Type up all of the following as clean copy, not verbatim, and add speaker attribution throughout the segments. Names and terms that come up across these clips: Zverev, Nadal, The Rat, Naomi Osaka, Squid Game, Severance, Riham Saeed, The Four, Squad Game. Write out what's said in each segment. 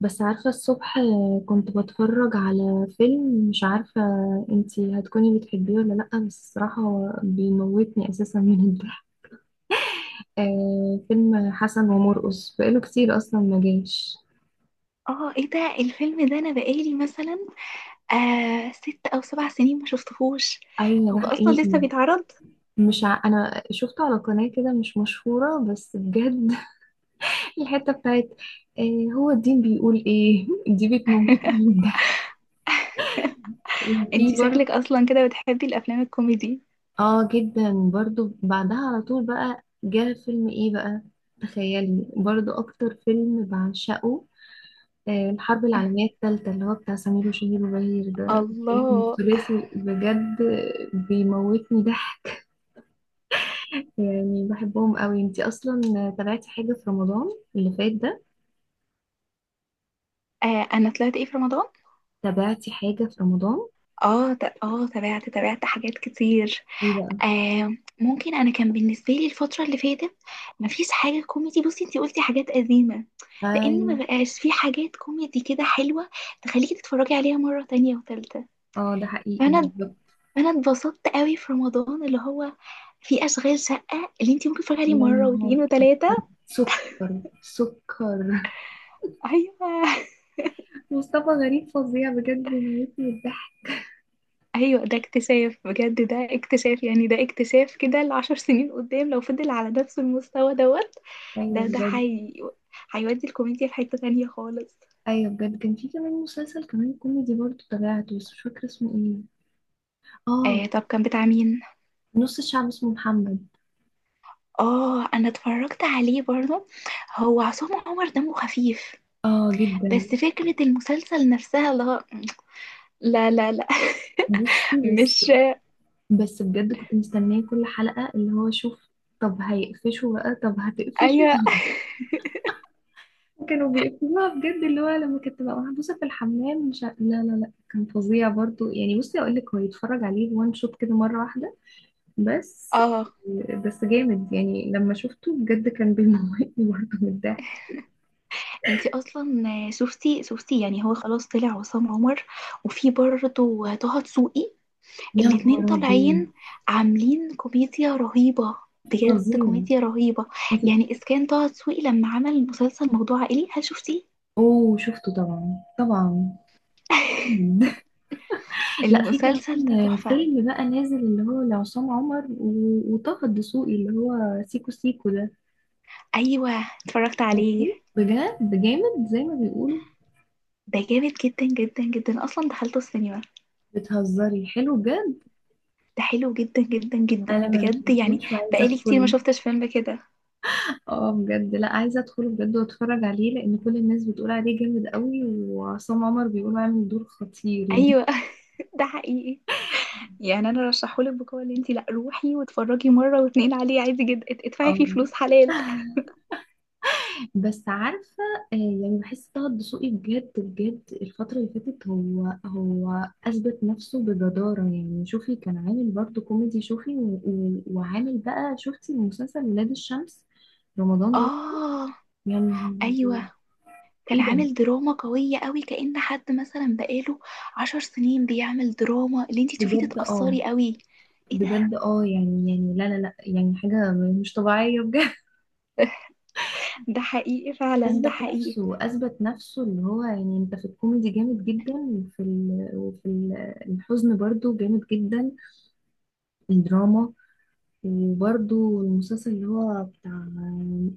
Speaker 1: بس عارفة الصبح، كنت بتفرج على فيلم مش عارفة انتي هتكوني بتحبيه ولا لأ، بس الصراحة هو بيموتني أساسا من الضحك. آه، فيلم حسن ومرقص بقاله كتير أصلا ما جاش.
Speaker 2: اه، ايه ده الفيلم ده؟ انا بقالي مثلا 6 أو 7 سنين ما شفتهوش.
Speaker 1: أيوة
Speaker 2: هو
Speaker 1: ده
Speaker 2: اصلا
Speaker 1: حقيقي.
Speaker 2: لسه بيتعرض.
Speaker 1: مش ع... أنا شفته على قناة كده مش مشهورة بس بجد. الحتة بتاعت آه هو الدين بيقول إيه دي بتموتني من الضحك. وفي
Speaker 2: انتي شكلك
Speaker 1: برضه
Speaker 2: اصلا كده بتحبي الافلام الكوميدي؟
Speaker 1: اه جدا برضو. بعدها على طول بقى جه فيلم ايه بقى؟ تخيلي برضو اكتر فيلم بعشقه آه، الحرب العالمية الثالثة اللي هو بتاع سمير وشهير وبهير، ده فيلم
Speaker 2: الله.
Speaker 1: الثلاثي بجد. بيموتني ضحك يعني بحبهم قوي. انتي اصلا تابعتي حاجة في رمضان اللي فات ده؟
Speaker 2: انا طلعت ايه في رمضان؟
Speaker 1: تابعتي حاجة في رمضان؟
Speaker 2: اه، تابعت حاجات كتير.
Speaker 1: ايه بقى؟
Speaker 2: ممكن انا كان بالنسبه لي الفتره اللي فاتت مفيش حاجه كوميدي. بصي انتي قلتي حاجات قديمه، لان ما
Speaker 1: ايوه.
Speaker 2: بقاش في حاجات كوميدي كده حلوه تخليكي تتفرجي عليها مره تانية وتالتة.
Speaker 1: اه ده حقيقي
Speaker 2: فانا
Speaker 1: بالظبط.
Speaker 2: فانا اتبسطت قوي في رمضان، اللي هو في اشغال شقه اللي انت ممكن تتفرجي عليه
Speaker 1: يا
Speaker 2: مره
Speaker 1: نهار.
Speaker 2: واثنين وثلاثه.
Speaker 1: سكر سكر
Speaker 2: ايوه،
Speaker 1: مصطفى غريب فظيع بجد، بيموتني الضحك.
Speaker 2: ايوه، ده اكتشاف، بجد ده اكتشاف، يعني ده اكتشاف كده لعشر سنين قدام لو فضل على نفس المستوى دوت.
Speaker 1: ايوه
Speaker 2: ده ده
Speaker 1: بجد.
Speaker 2: حي... هيودي الكوميديا في حته تانية خالص.
Speaker 1: ايوه بجد، كان في كمان مسلسل كمان كوميدي برضه تابعته بس مش فاكره اسمه ايه. اه،
Speaker 2: طب كان بتاع مين؟
Speaker 1: نص الشعب اسمه محمد.
Speaker 2: اه، انا اتفرجت عليه برضه. هو عصام عمر دمه خفيف.
Speaker 1: اه جدا.
Speaker 2: بس فكرة المسلسل نفسها، لا. لا، لا، لا.
Speaker 1: بصي بس
Speaker 2: مش
Speaker 1: بس بجد كنت مستنيه كل حلقه. اللي هو شوف طب هيقفشوا بقى، طب هتقفشوا
Speaker 2: ايوه.
Speaker 1: طب. كانوا بيقفشوها بجد. اللي هو لما كانت تبقى محبوسه في الحمام مش ع- لا لا لا، كان فظيع برضه. يعني بصي اقول لك، هو يتفرج عليه وان شوت كده مره واحده بس.
Speaker 2: اه،
Speaker 1: بس جامد يعني لما شفته بجد كان بيموتني برضه من الضحك.
Speaker 2: انتي اصلا شفتي، يعني هو خلاص طلع عصام عمر. وفي برضه طه دسوقي.
Speaker 1: يا نهار
Speaker 2: الاتنين
Speaker 1: أبيض.
Speaker 2: طالعين عاملين كوميديا رهيبة، بجد
Speaker 1: فظيع.
Speaker 2: كوميديا رهيبة.
Speaker 1: انت.
Speaker 2: يعني اذا كان طه دسوقي لما عمل مسلسل موضوع عائلي، هل شفتيه؟
Speaker 1: اوه شفته طبعا طبعا. لا، في
Speaker 2: المسلسل ده
Speaker 1: كمان
Speaker 2: تحفة.
Speaker 1: فيلم بقى نازل اللي هو لعصام عمر وطه الدسوقي، اللي هو سيكو سيكو ده.
Speaker 2: ايوه، اتفرجت عليه.
Speaker 1: اوكي بجد جامد زي ما بيقولوا.
Speaker 2: ده جامد جدا جدا جدا، اصلا دخلته السينما.
Speaker 1: بتهزري حلو بجد.
Speaker 2: ده حلو جدا جدا جدا
Speaker 1: انا ما
Speaker 2: بجد يعني.
Speaker 1: دخلتوش وعايزه
Speaker 2: بقالي كتير
Speaker 1: ادخله
Speaker 2: ما شفتش فيلم كده.
Speaker 1: اه بجد، لا عايزه ادخله بجد واتفرج عليه لان كل الناس بتقول عليه جامد قوي، وعصام عمر بيقول عامل دور خطير يعني.
Speaker 2: ايوه. ده حقيقي. يعني انا رشحهولك بقوه، اللي انتي لا روحي واتفرجي مره واتنين عليه عادي جدا، ادفعي فيه
Speaker 1: اه
Speaker 2: فلوس حلال.
Speaker 1: بس عارفة آه، يعني بحس طه الدسوقي بجد بجد الفترة اللي فاتت هو أثبت نفسه بجدارة. يعني شوفي كان عامل برضه كوميدي، شوفي وعامل بقى. شفتي مسلسل ولاد الشمس رمضان ده
Speaker 2: اه،
Speaker 1: يعني؟
Speaker 2: ايوه، كان
Speaker 1: ايه ده.
Speaker 2: عامل دراما قويه قوي، كأن حد مثلا بقاله 10 سنين بيعمل دراما اللي انتي تشوفيه
Speaker 1: بجد اه.
Speaker 2: تتأثري قوي. ايه ده؟
Speaker 1: بجد اه يعني لا لا لا، يعني حاجة مش طبيعية بجد.
Speaker 2: ده حقيقي فعلا، ده
Speaker 1: أثبت
Speaker 2: حقيقي.
Speaker 1: نفسه أثبت نفسه، اللي هو يعني أنت في الكوميدي جامد جدا، الحزن برضه جامد جدا، الدراما. وبرده المسلسل اللي هو بتاع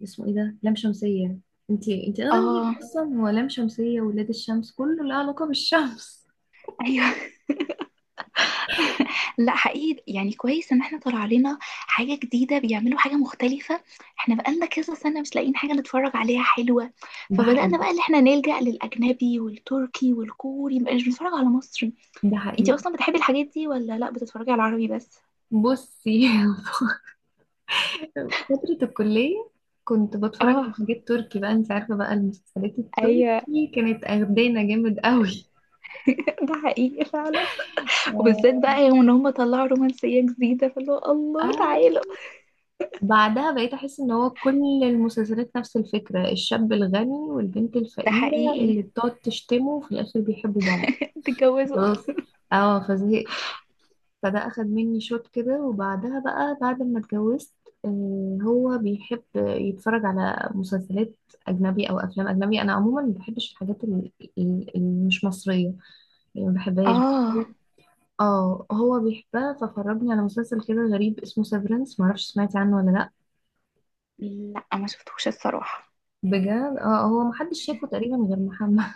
Speaker 1: اسمه ايه ده، لام شمسية. انتي اغلب ليك
Speaker 2: اه،
Speaker 1: اصلا هو لام شمسية، ولاد الشمس، كله له علاقة بالشمس.
Speaker 2: ايوه، لا حقيقي يعني كويس ان احنا طلع علينا حاجة جديدة، بيعملوا حاجة مختلفة. احنا بقالنا كذا سنة مش لاقيين حاجة نتفرج عليها حلوة.
Speaker 1: ده
Speaker 2: فبدأنا
Speaker 1: حقيقي
Speaker 2: بقى اللي احنا نلجأ للأجنبي والتركي والكوري، مبقاش بنتفرج على مصري.
Speaker 1: ده
Speaker 2: انتي
Speaker 1: حقيقي.
Speaker 2: اصلا بتحبي الحاجات دي ولا لا، بتتفرجي على العربي بس؟
Speaker 1: بصي فترة الكلية كنت بتفرج على
Speaker 2: اه،
Speaker 1: حاجات تركي بقى. انت عارفة بقى المسلسلات
Speaker 2: ايوه.
Speaker 1: التركي كانت اخدانا جامد قوي.
Speaker 2: ده حقيقي فعلا. وبالذات بقى يوم ان هم طلعوا رومانسية جديدة، فاللي هو الله
Speaker 1: آه.
Speaker 2: تعالوا.
Speaker 1: بعدها بقيت أحس إن هو كل المسلسلات نفس الفكرة، الشاب الغني والبنت
Speaker 2: ده
Speaker 1: الفقيرة
Speaker 2: حقيقي.
Speaker 1: اللي بتقعد تشتمه وفي الآخر بيحبوا بعض.
Speaker 2: اتجوزوا.
Speaker 1: خلاص. اه فزهقت. فده اخد مني شوط كده، وبعدها بقى بعد ما اتجوزت آه، هو بيحب يتفرج على مسلسلات اجنبي او افلام اجنبي. انا عموما ما بحبش الحاجات اللي مش مصريه. يعني ما بحبهاش.
Speaker 2: اه،
Speaker 1: اه هو بيحبها، ففرجني على مسلسل كده غريب اسمه سيفرنس. ما اعرفش سمعتي عنه ولا لا.
Speaker 2: لا ما شفتوش الصراحة.
Speaker 1: بجد اه، هو محدش شافه تقريبا غير محمد.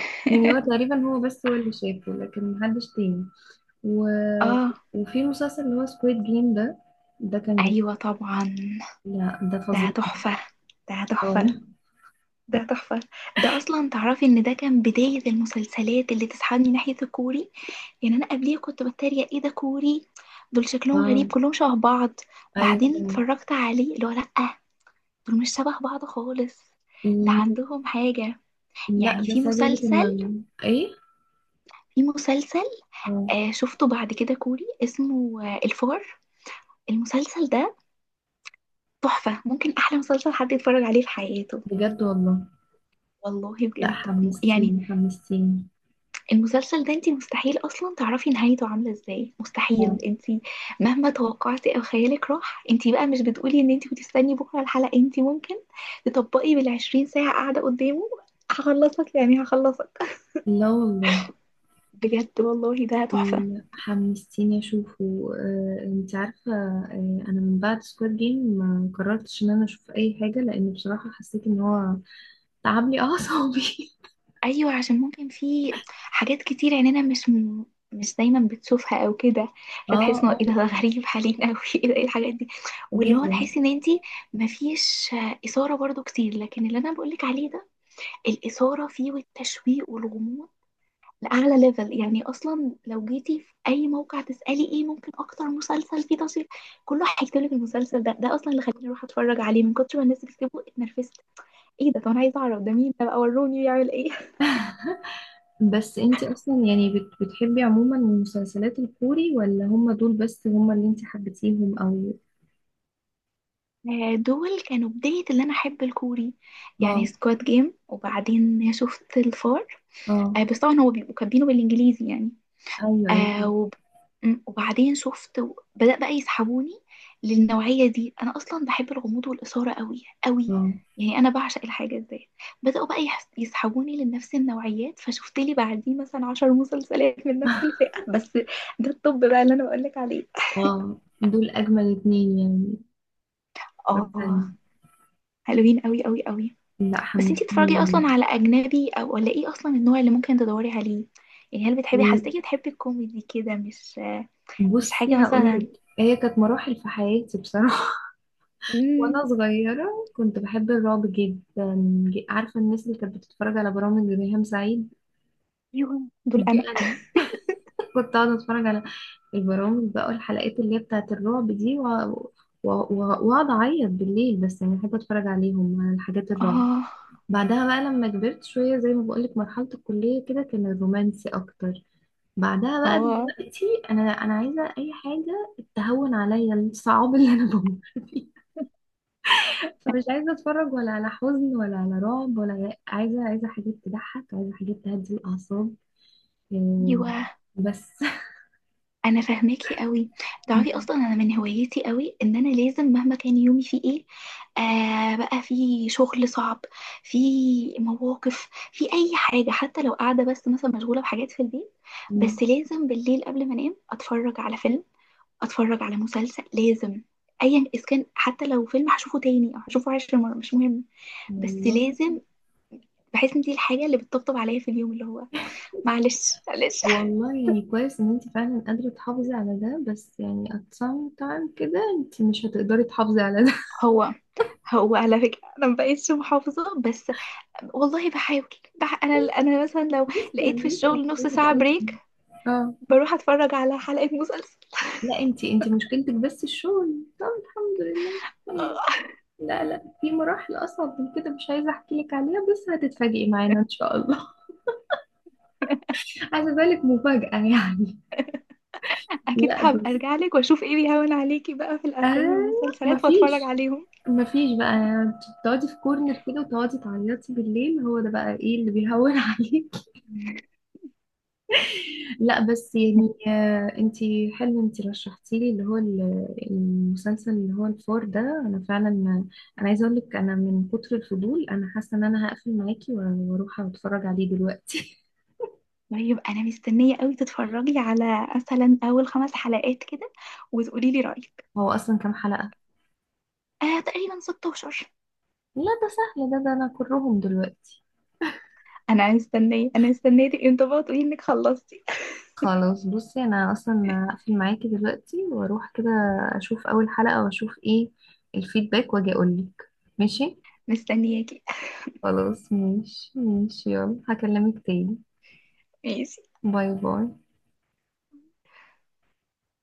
Speaker 1: يعني هو تقريبا، هو بس هو اللي شافه لكن محدش تاني. و...
Speaker 2: اه،
Speaker 1: وفي مسلسل اللي هو سكويد جيم ده كان جميل.
Speaker 2: أيوة طبعا.
Speaker 1: لا ده فظيع.
Speaker 2: ده تحفة، ده تحفة،
Speaker 1: اه
Speaker 2: ده تحفة. ده أصلا تعرفي إن ده كان بداية المسلسلات اللي تسحبني ناحية الكوري. يعني أنا قبليه كنت بتريق، إيه ده كوري؟ دول شكلهم غريب
Speaker 1: اه
Speaker 2: كلهم شبه بعض. بعدين
Speaker 1: ايوه.
Speaker 2: اتفرجت عليه اللي هو لأ، دول مش شبه بعض خالص. ده
Speaker 1: م-
Speaker 2: عندهم حاجة.
Speaker 1: لا
Speaker 2: يعني في
Speaker 1: بس عايزه اقول لك انا
Speaker 2: مسلسل
Speaker 1: ايه.
Speaker 2: في مسلسل
Speaker 1: اه
Speaker 2: شفته بعد كده كوري اسمه الفار. المسلسل ده تحفة، ممكن أحلى مسلسل حد يتفرج عليه في حياته.
Speaker 1: بجد والله.
Speaker 2: والله
Speaker 1: لا
Speaker 2: بجد يعني.
Speaker 1: حمستيني حمستيني.
Speaker 2: المسلسل ده انتي مستحيل اصلا تعرفي نهايته عامله ازاي، مستحيل
Speaker 1: اه
Speaker 2: انتي مهما توقعتي او خيالك راح، انتي بقى مش بتقولي ان انتي بتستني بكره الحلقه، انتي ممكن تطبقي بالـ 20 ساعة قاعده قدامه. هخلصك يعني، هخلصك.
Speaker 1: لا والله.
Speaker 2: بجد والله، ده تحفه.
Speaker 1: حمستيني اشوفه آه. انت عارفه آه، انا من بعد سكواد جيم ما قررتش ان انا اشوف اي حاجه، لان بصراحه حسيت ان هو تعب لي اعصابي
Speaker 2: ايوه، عشان ممكن في حاجات كتير عيننا مش دايما بتشوفها او كده.
Speaker 1: اه.
Speaker 2: فتحس انه
Speaker 1: اه
Speaker 2: ايه ده، ده غريب علينا اوي. ايه ده؟ ايه الحاجات دي؟ واللي هو
Speaker 1: جدا.
Speaker 2: تحسي ان انتي مفيش اثاره برضو كتير، لكن اللي انا بقولك عليه ده، الإثارة فيه والتشويق والغموض لأعلى ليفل. يعني أصلا لو جيتي في أي موقع تسألي إيه ممكن أكتر مسلسل فيه تشويق، كله هيكتب لك المسلسل ده. ده أصلا اللي خلاني أروح أتفرج عليه، من كتر ما الناس بتكتبه اتنرفزت. إيه ده؟ طب أنا عايزة أعرف ده مين ده بقى، وروني بيعمل إيه.
Speaker 1: بس انت اصلا يعني بتحبي عموما المسلسلات الكوري، ولا هم دول بس هم اللي انت حبيتيهم او.
Speaker 2: دول كانوا بداية اللي أنا أحب الكوري. يعني
Speaker 1: اه
Speaker 2: سكواد جيم، وبعدين شفت الفار.
Speaker 1: اه
Speaker 2: بس طبعا هو بيبقوا كاتبينه بالإنجليزي يعني.
Speaker 1: ايوه
Speaker 2: آه
Speaker 1: ايوه
Speaker 2: وب... وبعدين بدأ بقى يسحبوني للنوعية دي. أنا أصلا بحب الغموض والإثارة قوي قوي.
Speaker 1: اه.
Speaker 2: يعني أنا بعشق الحاجة دي. بدأوا بقى يسحبوني لنفس النوعيات، فشفت لي بعديه مثلا 10 مسلسلات من نفس الفئة بس. ده الطب بقى اللي أنا بقولك عليه.
Speaker 1: اه، دول اجمل اتنين يعني اتفرجت
Speaker 2: آه
Speaker 1: عليهم.
Speaker 2: حلوين قوي قوي قوي.
Speaker 1: لا
Speaker 2: بس انتي بتتفرجي أصلا
Speaker 1: حمستيني.
Speaker 2: على أجنبي أو ولا إيه، أصلا النوع اللي ممكن تدوري عليه؟ يعني هل بتحبي، حسيتي بتحبي الكوميدي كده مش حاجة
Speaker 1: بصي
Speaker 2: مثلا؟
Speaker 1: هقولك، هي كانت مراحل في حياتي بصراحة.
Speaker 2: مم،
Speaker 1: وانا صغيرة كنت بحب الرعب جدا. عارفة الناس اللي كانت بتتفرج على برامج ريهام سعيد؟
Speaker 2: ايوه، دول
Speaker 1: دي
Speaker 2: أنا.
Speaker 1: انا. كنت اقعد اتفرج على البرامج بقى الحلقات اللي هي بتاعت الرعب دي واقعد اعيط بالليل. بس يعني احب اتفرج عليهم على الحاجات الرعب.
Speaker 2: اه،
Speaker 1: بعدها بقى لما كبرت شويه زي ما بقولك مرحله الكليه كده، كان الرومانسي اكتر. بعدها بقى
Speaker 2: اه،
Speaker 1: دلوقتي، انا عايزه اي حاجه تهون عليا الصعاب اللي انا بمر فيها. فمش عايزه اتفرج ولا على حزن ولا على رعب عايزه حاجات تضحك، عايزه حاجات تهدي الاعصاب. إيه،
Speaker 2: ايوه،
Speaker 1: بس.
Speaker 2: انا فاهماكي قوي. تعرفي اصلا انا من هوايتي قوي ان انا لازم مهما كان يومي فيه ايه، بقى في شغل صعب، في مواقف، في اي حاجه، حتى لو قاعده بس مثلا مشغوله بحاجات في البيت، بس لازم بالليل قبل ما انام اتفرج على فيلم، اتفرج على مسلسل، لازم. ايا اذا كان حتى لو فيلم هشوفه تاني او هشوفه 10 مرات مش مهم. بس
Speaker 1: والله
Speaker 2: لازم. بحس ان دي الحاجه اللي بتطبطب عليا في اليوم، اللي هو معلش معلش.
Speaker 1: والله يعني كويس ان انت فعلا قادرة تحافظي على ده، بس يعني at some time كده انت مش هتقدري تحافظي على ده.
Speaker 2: هو هو على فكرة أنا مبقتش محافظة بس. والله بحاول. أنا مثلا لو
Speaker 1: لسه
Speaker 2: لقيت في
Speaker 1: لسه
Speaker 2: الشغل نص
Speaker 1: هتلاقي
Speaker 2: ساعة
Speaker 1: تقلبي.
Speaker 2: بريك،
Speaker 1: اه.
Speaker 2: بروح أتفرج على حلقة مسلسل.
Speaker 1: لا، انت مشكلتك بس الشغل، طب الحمد لله
Speaker 2: آه،
Speaker 1: طيب. لا لا، في مراحل اصعب من كده، مش عايزة احكي لك عليها بس هتتفاجئي معانا ان شاء الله. عايزة بالك مفاجأة يعني.
Speaker 2: أكيد
Speaker 1: لا
Speaker 2: هبقى
Speaker 1: بس
Speaker 2: أرجع لك وأشوف إيه بيهون عليكي بقى في الأفلام
Speaker 1: ايوه.
Speaker 2: والمسلسلات وأتفرج
Speaker 1: مفيش
Speaker 2: عليهم.
Speaker 1: مفيش بقى تقعدي في كورنر كده وتقعدي تعيطي بالليل، هو ده بقى ايه اللي بيهون عليك. لا بس يعني آه، انتي حلو انتي رشحتي لي اللي هو المسلسل اللي هو الفور ده، انا فعلا انا عايزه اقول لك، انا من كتر الفضول انا حاسه ان انا هقفل معاكي واروح اتفرج عليه دلوقتي.
Speaker 2: طيب أنا مستنية قوي تتفرجي على مثلا أول 5 حلقات كده، وتقولي لي رأيك.
Speaker 1: هو اصلا كام حلقه؟
Speaker 2: تقريبا 16.
Speaker 1: لا ده سهل، ده انا كرهم دلوقتي.
Speaker 2: أنا مستنية، أنا مستنية تبقي انت بقى تقولي إنك خلصتي.
Speaker 1: خلاص بصي انا اصلا هقفل معاكي دلوقتي واروح كده، اشوف اول حلقة واشوف ايه الفيدباك واجي اقولك. ماشي.
Speaker 2: مستنياكي.
Speaker 1: خلاص ماشي ماشي، يلا هكلمك تاني.
Speaker 2: ماشي.
Speaker 1: باي باي.